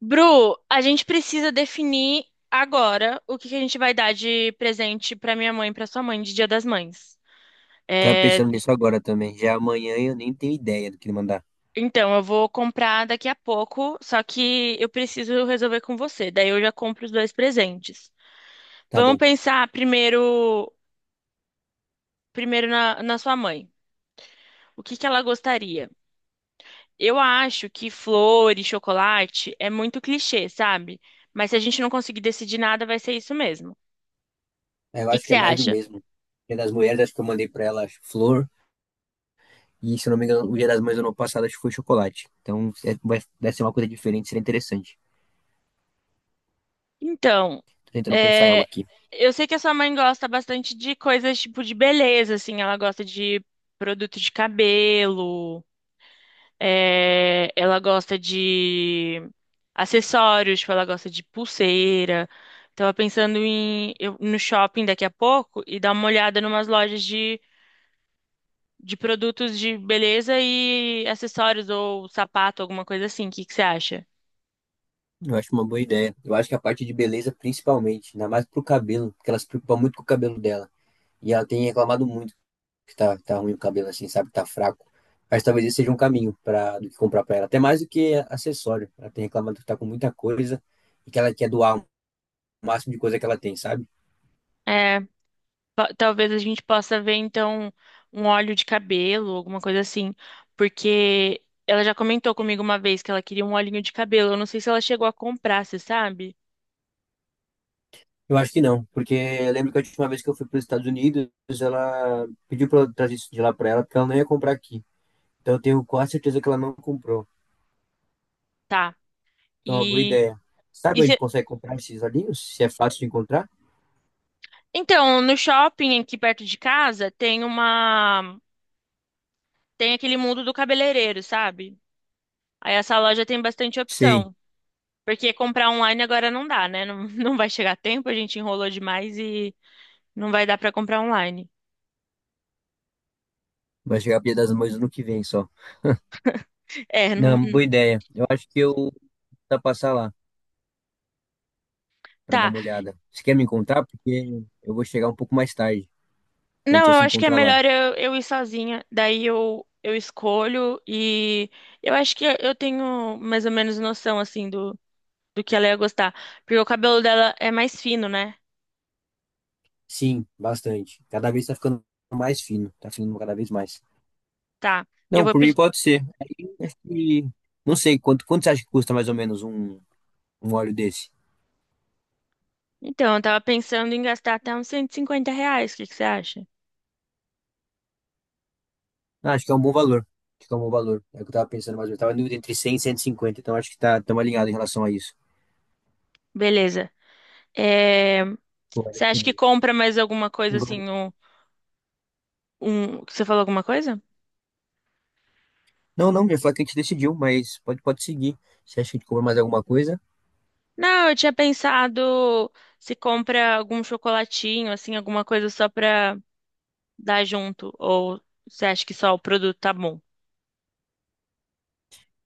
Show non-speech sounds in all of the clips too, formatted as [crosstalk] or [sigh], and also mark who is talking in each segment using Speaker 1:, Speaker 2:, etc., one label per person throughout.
Speaker 1: Bru, a gente precisa definir agora o que a gente vai dar de presente pra minha mãe e pra sua mãe de Dia das Mães.
Speaker 2: Tava
Speaker 1: É,
Speaker 2: pensando nisso agora também. Já amanhã eu nem tenho ideia do que mandar.
Speaker 1: então, eu vou comprar daqui a pouco, só que eu preciso resolver com você. Daí eu já compro os dois presentes.
Speaker 2: Tá
Speaker 1: Vamos
Speaker 2: bom.
Speaker 1: pensar primeiro na sua mãe. O que ela gostaria? Eu acho que flor e chocolate é muito clichê, sabe? Mas se a gente não conseguir decidir nada, vai ser isso mesmo. O
Speaker 2: Eu
Speaker 1: que
Speaker 2: acho
Speaker 1: que
Speaker 2: que
Speaker 1: você
Speaker 2: é mais do
Speaker 1: acha?
Speaker 2: mesmo. Dia das Mulheres, acho que eu mandei pra ela flor. E se eu não me engano, o Dia das Mães do ano passado acho que foi chocolate. Então vai ser uma coisa diferente, seria interessante.
Speaker 1: Então,
Speaker 2: Tô tentando pensar em algo
Speaker 1: é,
Speaker 2: aqui.
Speaker 1: eu sei que a sua mãe gosta bastante de coisas tipo de beleza, assim, ela gosta de produto de cabelo, ela gosta de acessórios, tipo, ela gosta de pulseira. Tava pensando no shopping daqui a pouco e dar uma olhada numas lojas de produtos de beleza e acessórios ou sapato, alguma coisa assim. O que você acha?
Speaker 2: Eu acho uma boa ideia. Eu acho que a parte de beleza, principalmente, ainda mais pro cabelo, porque ela se preocupa muito com o cabelo dela. E ela tem reclamado muito. Que tá ruim o cabelo assim, sabe? Tá fraco. Mas talvez esse seja um caminho para do que comprar para ela. Até mais do que acessório. Ela tem reclamado que tá com muita coisa e que ela quer doar o máximo de coisa que ela tem, sabe?
Speaker 1: Talvez a gente possa ver, então, um óleo de cabelo, alguma coisa assim. Porque ela já comentou comigo uma vez que ela queria um olhinho de cabelo. Eu não sei se ela chegou a comprar, você sabe?
Speaker 2: Eu acho que não, porque eu lembro que a última vez que eu fui para os Estados Unidos, ela pediu para eu trazer isso de lá para ela, porque ela não ia comprar aqui. Então eu tenho quase certeza que ela não comprou.
Speaker 1: Tá.
Speaker 2: Então é uma boa
Speaker 1: E,
Speaker 2: ideia. Sabe
Speaker 1: e
Speaker 2: onde
Speaker 1: se-
Speaker 2: consegue comprar esses olhinhos? Se é fácil de encontrar?
Speaker 1: Então, no shopping aqui perto de casa tem uma. Tem aquele mundo do cabeleireiro, sabe? Aí essa loja tem bastante
Speaker 2: Sei,
Speaker 1: opção. Porque comprar online agora não dá, né? Não, [laughs] não vai chegar tempo, a gente enrolou demais e não vai dar pra comprar online.
Speaker 2: vai chegar a Dia das Mães no ano que vem só.
Speaker 1: É, não.
Speaker 2: Não, boa ideia. Eu acho que eu vou tentar passar lá, para dar
Speaker 1: Tá.
Speaker 2: uma olhada. Você quer me encontrar? Porque eu vou chegar um pouco mais tarde. A gente
Speaker 1: Não,
Speaker 2: ia
Speaker 1: eu
Speaker 2: se
Speaker 1: acho que é
Speaker 2: encontrar lá.
Speaker 1: melhor eu ir sozinha. Daí eu escolho e eu acho que eu tenho mais ou menos noção, assim, do que ela ia gostar. Porque o cabelo dela é mais fino, né?
Speaker 2: Sim, bastante. Cada vez tá ficando mais fino. Tá ficando cada vez mais.
Speaker 1: Tá. Eu
Speaker 2: Não,
Speaker 1: vou
Speaker 2: por mim
Speaker 1: pedir.
Speaker 2: pode ser. Aí, acho que... Não sei, quanto você acha que custa mais ou menos um óleo desse?
Speaker 1: Então, eu tava pensando em gastar até uns R$ 150. O que você acha?
Speaker 2: Ah, acho que é um bom valor. Acho que é um bom valor. É o que eu tava pensando mais ou menos. Tava em dúvida entre 100 e 150, então acho que tá, estamos alinhados em relação a isso.
Speaker 1: Beleza. É,
Speaker 2: Pô, olha
Speaker 1: você
Speaker 2: que...
Speaker 1: acha que compra mais alguma coisa, assim, Você falou alguma coisa?
Speaker 2: Não, não, já falei que a gente decidiu, mas pode seguir. Você acha que a gente cobra mais alguma coisa?
Speaker 1: Não, eu tinha pensado se compra algum chocolatinho, assim, alguma coisa só pra. Dar junto? Ou você acha que só o produto tá bom?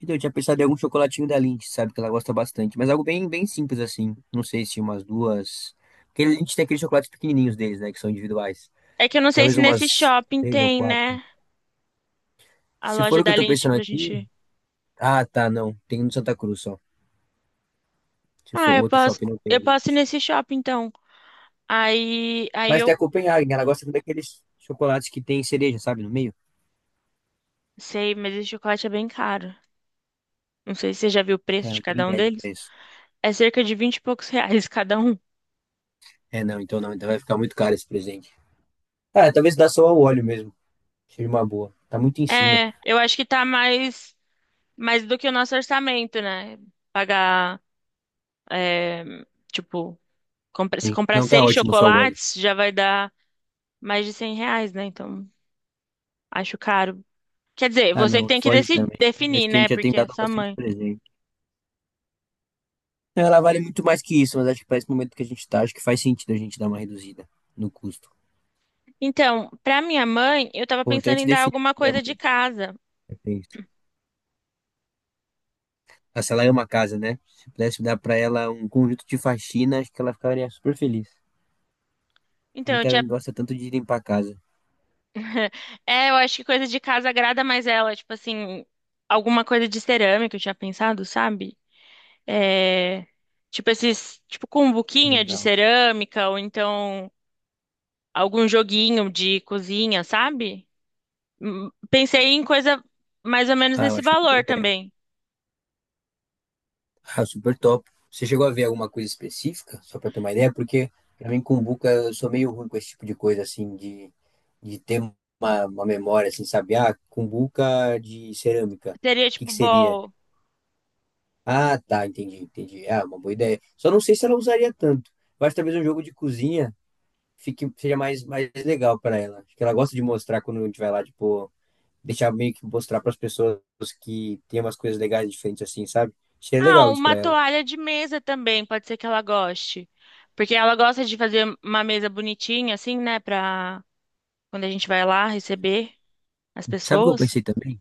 Speaker 2: Então, eu tinha pensado em algum chocolatinho da Lindt, sabe? Que ela gosta bastante. Mas algo bem simples, assim. Não sei se umas duas. Porque a Lindt tem aqueles chocolates pequenininhos deles, né? Que são individuais.
Speaker 1: É que eu não sei se
Speaker 2: Talvez
Speaker 1: nesse
Speaker 2: umas
Speaker 1: shopping
Speaker 2: três ou
Speaker 1: tem,
Speaker 2: quatro.
Speaker 1: né? A
Speaker 2: Se for
Speaker 1: loja
Speaker 2: o que
Speaker 1: da
Speaker 2: eu tô
Speaker 1: Lindt
Speaker 2: pensando
Speaker 1: pra
Speaker 2: aqui.
Speaker 1: gente.
Speaker 2: Ah, tá, não. Tem um no Santa Cruz só. Se for
Speaker 1: Ah,
Speaker 2: o outro shopping, não tem
Speaker 1: eu posso ir
Speaker 2: Lindt.
Speaker 1: nesse shopping então. Aí
Speaker 2: Mas
Speaker 1: eu
Speaker 2: tem a Copenhagen. Ela gosta daqueles chocolates que tem cereja, sabe? No meio.
Speaker 1: sei, mas esse chocolate é bem caro. Não sei se você já viu o preço
Speaker 2: É,
Speaker 1: de
Speaker 2: não tenho
Speaker 1: cada um
Speaker 2: ideia de
Speaker 1: deles.
Speaker 2: preço.
Speaker 1: É cerca de 20 e poucos [laughs] reais cada um.
Speaker 2: É, não, então não. Então vai ficar muito caro esse presente. Ah, talvez dá só o óleo mesmo. Seja uma boa. Tá muito em cima.
Speaker 1: É, eu acho que tá mais do que o nosso orçamento, né? Pagar, é, tipo, se
Speaker 2: Sim.
Speaker 1: comprar
Speaker 2: Não, tá
Speaker 1: seis
Speaker 2: ótimo só o óleo.
Speaker 1: chocolates, já vai dar mais de R$ 100, né? Então. Acho caro. Quer dizer,
Speaker 2: Ah,
Speaker 1: você que
Speaker 2: não,
Speaker 1: tem que
Speaker 2: foge também. Acho
Speaker 1: definir,
Speaker 2: que a
Speaker 1: né?
Speaker 2: gente já tem
Speaker 1: Porque é
Speaker 2: dado
Speaker 1: sua
Speaker 2: bastante
Speaker 1: mãe.
Speaker 2: presente. Ela vale muito mais que isso, mas acho que para esse momento que a gente tá, acho que faz sentido a gente dar uma reduzida no custo.
Speaker 1: Então, pra minha mãe, eu tava
Speaker 2: Pô, então a
Speaker 1: pensando
Speaker 2: gente
Speaker 1: em dar
Speaker 2: definiu
Speaker 1: alguma
Speaker 2: minha
Speaker 1: coisa de
Speaker 2: mãe.
Speaker 1: casa.
Speaker 2: Perfeito. Ah, se ela é uma casa, né? Se pudesse dar para ela um conjunto de faxina, acho que ela ficaria super feliz. A
Speaker 1: Então, eu
Speaker 2: gente
Speaker 1: tinha.
Speaker 2: gosta tanto de limpar a casa.
Speaker 1: [laughs] É, eu acho que coisa de casa agrada mais ela. Tipo assim, alguma coisa de cerâmica, eu tinha pensado, sabe? É. Tipo esses. Tipo, cumbuquinha de
Speaker 2: Legal.
Speaker 1: cerâmica, ou então algum joguinho de cozinha, sabe? Pensei em coisa mais ou menos
Speaker 2: Ah, eu
Speaker 1: nesse
Speaker 2: acho uma boa
Speaker 1: valor
Speaker 2: ideia.
Speaker 1: também.
Speaker 2: Ah, super top. Você chegou a ver alguma coisa específica, só para ter uma ideia? Porque pra mim, cumbuca, eu sou meio ruim com esse tipo de coisa, assim, de ter uma memória, assim, sabe? Ah, cumbuca de cerâmica.
Speaker 1: Teria,
Speaker 2: O que
Speaker 1: tipo,
Speaker 2: que seria?
Speaker 1: bol.
Speaker 2: Ah, tá, entendi. Ah, uma boa ideia. Só não sei se ela usaria tanto. Eu acho que talvez um jogo de cozinha seja mais legal para ela. Acho que ela gosta de mostrar quando a gente vai lá, tipo, deixar meio que mostrar para as pessoas que tem umas coisas legais diferentes, assim, sabe? Seria
Speaker 1: Ah,
Speaker 2: legal isso
Speaker 1: uma
Speaker 2: para ela.
Speaker 1: toalha de mesa também, pode ser que ela goste. Porque ela gosta de fazer uma mesa bonitinha, assim, né? Pra quando a gente vai lá receber as
Speaker 2: Sabe o que eu
Speaker 1: pessoas.
Speaker 2: pensei também?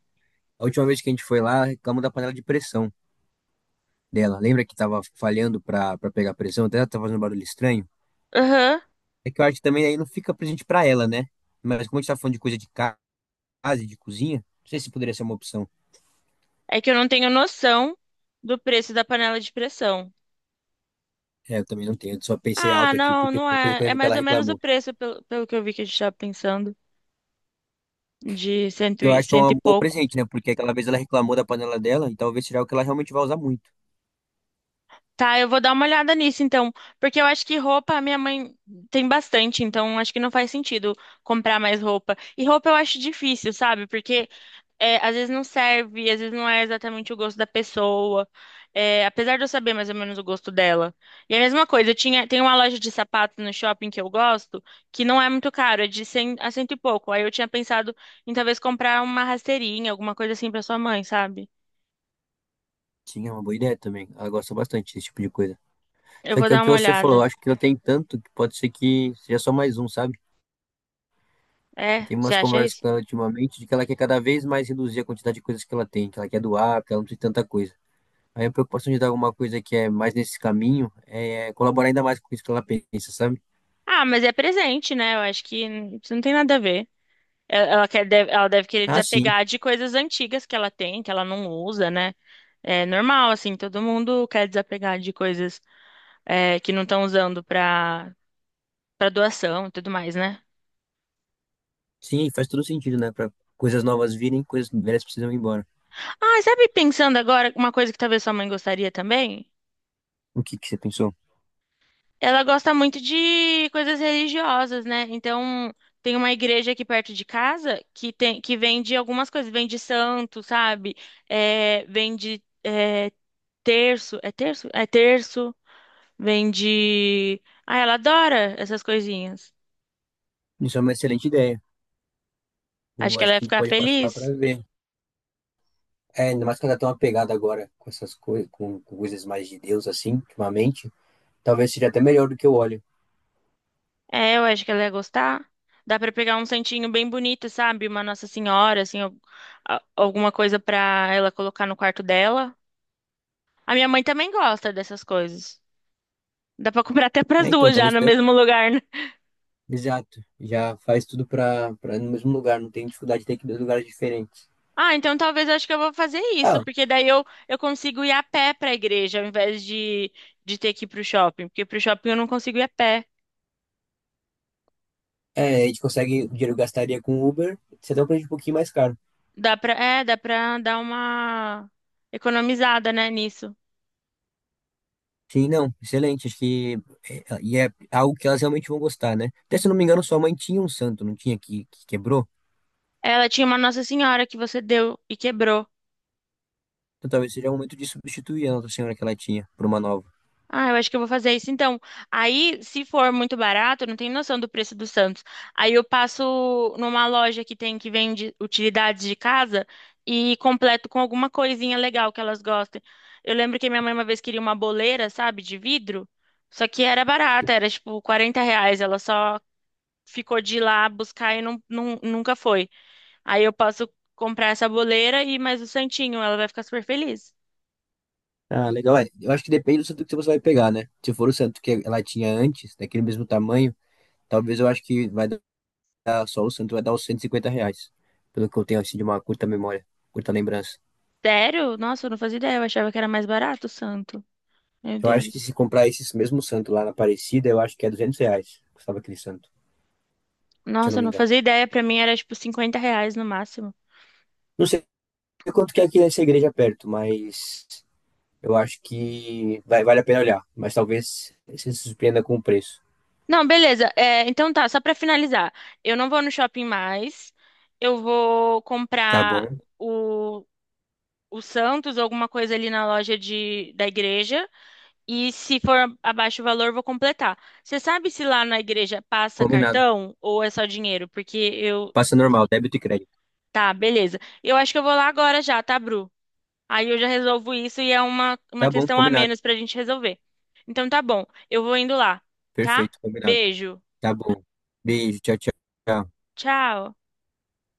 Speaker 2: A última vez que a gente foi lá, reclamou da panela de pressão dela. Lembra que tava falhando pra pegar pressão? Até ela tava fazendo um barulho estranho.
Speaker 1: Aham.
Speaker 2: É que eu acho que também aí não fica presente pra ela, né? Mas como a gente tá falando de coisa de casa e de cozinha, não sei se poderia ser uma opção.
Speaker 1: É que eu não tenho noção do preço da panela de pressão.
Speaker 2: É, eu também não tenho. Eu só pensei
Speaker 1: Ah,
Speaker 2: alto aqui,
Speaker 1: não,
Speaker 2: porque
Speaker 1: não
Speaker 2: foi uma coisa
Speaker 1: é.
Speaker 2: que eu
Speaker 1: É
Speaker 2: lembro que
Speaker 1: mais
Speaker 2: ela
Speaker 1: ou menos o
Speaker 2: reclamou.
Speaker 1: preço, pelo que eu vi que a gente tava pensando, de
Speaker 2: Que eu acho que é
Speaker 1: cento e
Speaker 2: um bom
Speaker 1: pouco.
Speaker 2: presente, né? Porque aquela vez ela reclamou da panela dela e talvez seja o que ela realmente vai usar muito.
Speaker 1: Tá, eu vou dar uma olhada nisso então, porque eu acho que roupa a minha mãe tem bastante, então acho que não faz sentido comprar mais roupa. E roupa eu acho difícil, sabe? Porque é, às vezes não serve, às vezes não é exatamente o gosto da pessoa, é, apesar de eu saber mais ou menos o gosto dela. E a mesma coisa, tem uma loja de sapatos no shopping que eu gosto, que não é muito caro, é de 100 a cento e pouco. Aí eu tinha pensado em talvez comprar uma rasteirinha, alguma coisa assim pra sua mãe, sabe?
Speaker 2: Sim, é uma boa ideia também. Ela gosta bastante desse tipo de coisa.
Speaker 1: Eu
Speaker 2: Só
Speaker 1: vou
Speaker 2: que é o
Speaker 1: dar
Speaker 2: que
Speaker 1: uma
Speaker 2: você falou,
Speaker 1: olhada.
Speaker 2: eu acho que eu tem tanto que pode ser que seja só mais um, sabe?
Speaker 1: É,
Speaker 2: Tem
Speaker 1: você
Speaker 2: umas
Speaker 1: acha
Speaker 2: conversas
Speaker 1: isso?
Speaker 2: com ela ultimamente de que ela quer cada vez mais reduzir a quantidade de coisas que ela tem, que ela quer doar, que ela não tem tanta coisa. Aí a preocupação de dar alguma coisa que é mais nesse caminho é colaborar ainda mais com isso que ela pensa, sabe?
Speaker 1: Ah, mas é presente, né? Eu acho que isso não tem nada a ver. Ela quer, deve, ela deve querer
Speaker 2: Ah, sim.
Speaker 1: desapegar de coisas antigas que ela tem, que ela não usa, né? É normal, assim, todo mundo quer desapegar de coisas é, que não estão usando pra doação e tudo mais, né?
Speaker 2: Sim, faz todo sentido, né? Para coisas novas virem, coisas velhas precisam ir embora.
Speaker 1: Ah, sabe, pensando agora, uma coisa que talvez sua mãe gostaria também?
Speaker 2: O que que você pensou?
Speaker 1: Ela gosta muito de coisas religiosas, né? Então, tem uma igreja aqui perto de casa que vende algumas coisas, vende santo, sabe? É, vende é, terço, é terço? É terço, vende. Ah, ela adora essas coisinhas.
Speaker 2: Isso é uma excelente ideia.
Speaker 1: Acho
Speaker 2: Eu
Speaker 1: que ela
Speaker 2: acho
Speaker 1: ia
Speaker 2: que a gente
Speaker 1: ficar
Speaker 2: pode passar lá
Speaker 1: feliz.
Speaker 2: para ver. É, ainda mais que ela tá tão apegada agora com essas coisas, com coisas mais de Deus, assim, ultimamente. Talvez seja até melhor do que o óleo.
Speaker 1: É, eu acho que ela ia gostar. Dá pra pegar um santinho bem bonito, sabe? Uma Nossa Senhora, assim, alguma coisa pra ela colocar no quarto dela. A minha mãe também gosta dessas coisas. Dá pra comprar até
Speaker 2: É,
Speaker 1: pras
Speaker 2: então,
Speaker 1: duas já
Speaker 2: talvez
Speaker 1: no mesmo lugar, né?
Speaker 2: Exato, já faz tudo para no mesmo lugar, não tem dificuldade de ter que ir em dois lugares diferentes.
Speaker 1: Ah, então talvez eu acho que eu vou fazer isso,
Speaker 2: Ah,
Speaker 1: porque daí eu consigo ir a pé pra igreja, ao invés de ter que ir pro shopping, porque pro shopping eu não consigo ir a pé.
Speaker 2: é, a gente consegue, o dinheiro que gastaria com Uber, você dá um preço um pouquinho mais caro.
Speaker 1: Dá pra, é, dá pra dar uma economizada, né, nisso.
Speaker 2: Sim, não, excelente, acho que é, e é algo que elas realmente vão gostar, né? Até se eu não me engano, sua mãe tinha um santo, não tinha, que quebrou?
Speaker 1: Ela tinha uma Nossa Senhora que você deu e quebrou.
Speaker 2: Então talvez seja o momento de substituir a Nossa Senhora que ela tinha por uma nova.
Speaker 1: Ah, eu acho que eu vou fazer isso então. Aí, se for muito barato, eu não tenho noção do preço do Santos. Aí eu passo numa loja que vende utilidades de casa e completo com alguma coisinha legal que elas gostem. Eu lembro que minha mãe uma vez queria uma boleira, sabe, de vidro, só que era barata, era tipo R$ 40. Ela só ficou de ir lá buscar e nunca foi. Aí eu posso comprar essa boleira e mais o santinho, ela vai ficar super feliz.
Speaker 2: Ah, legal, é, eu acho que depende do santo que você vai pegar, né? Se for o santo que ela tinha antes, daquele mesmo tamanho, talvez eu acho que vai dar só o Santos vai dar os R$ 150, pelo que eu tenho assim de uma curta memória, curta lembrança.
Speaker 1: Sério? Nossa, eu não fazia ideia, eu achava que era mais barato o santo. Meu
Speaker 2: Eu acho que
Speaker 1: Deus.
Speaker 2: se comprar esses mesmos Santos lá na Aparecida, eu acho que é R$ 200, custava aquele santo, se eu
Speaker 1: Nossa,
Speaker 2: não
Speaker 1: eu
Speaker 2: me
Speaker 1: não
Speaker 2: engano.
Speaker 1: fazia ideia. Pra mim era tipo R$ 50 no máximo.
Speaker 2: Não sei quanto que é aqui nessa igreja perto, mas eu acho que vai, vale a pena olhar, mas talvez você se surpreenda com o preço.
Speaker 1: Não, beleza. É, então tá, só pra finalizar. Eu não vou no shopping mais. Eu vou
Speaker 2: Tá
Speaker 1: comprar
Speaker 2: bom,
Speaker 1: o, o Santos ou alguma coisa ali na loja da igreja. E se for abaixo o valor, eu vou completar. Você sabe se lá na igreja passa
Speaker 2: combinado.
Speaker 1: cartão ou é só dinheiro? Porque eu.
Speaker 2: Passa normal, débito e crédito.
Speaker 1: Tá, beleza. Eu acho que eu vou lá agora já, tá, Bru? Aí eu já resolvo isso e é uma
Speaker 2: Tá bom,
Speaker 1: questão a
Speaker 2: combinado.
Speaker 1: menos pra gente resolver. Então tá bom, eu vou indo lá, tá?
Speaker 2: Perfeito, combinado.
Speaker 1: Beijo,
Speaker 2: Tá bom. Beijo, tchau, tchau.
Speaker 1: tchau.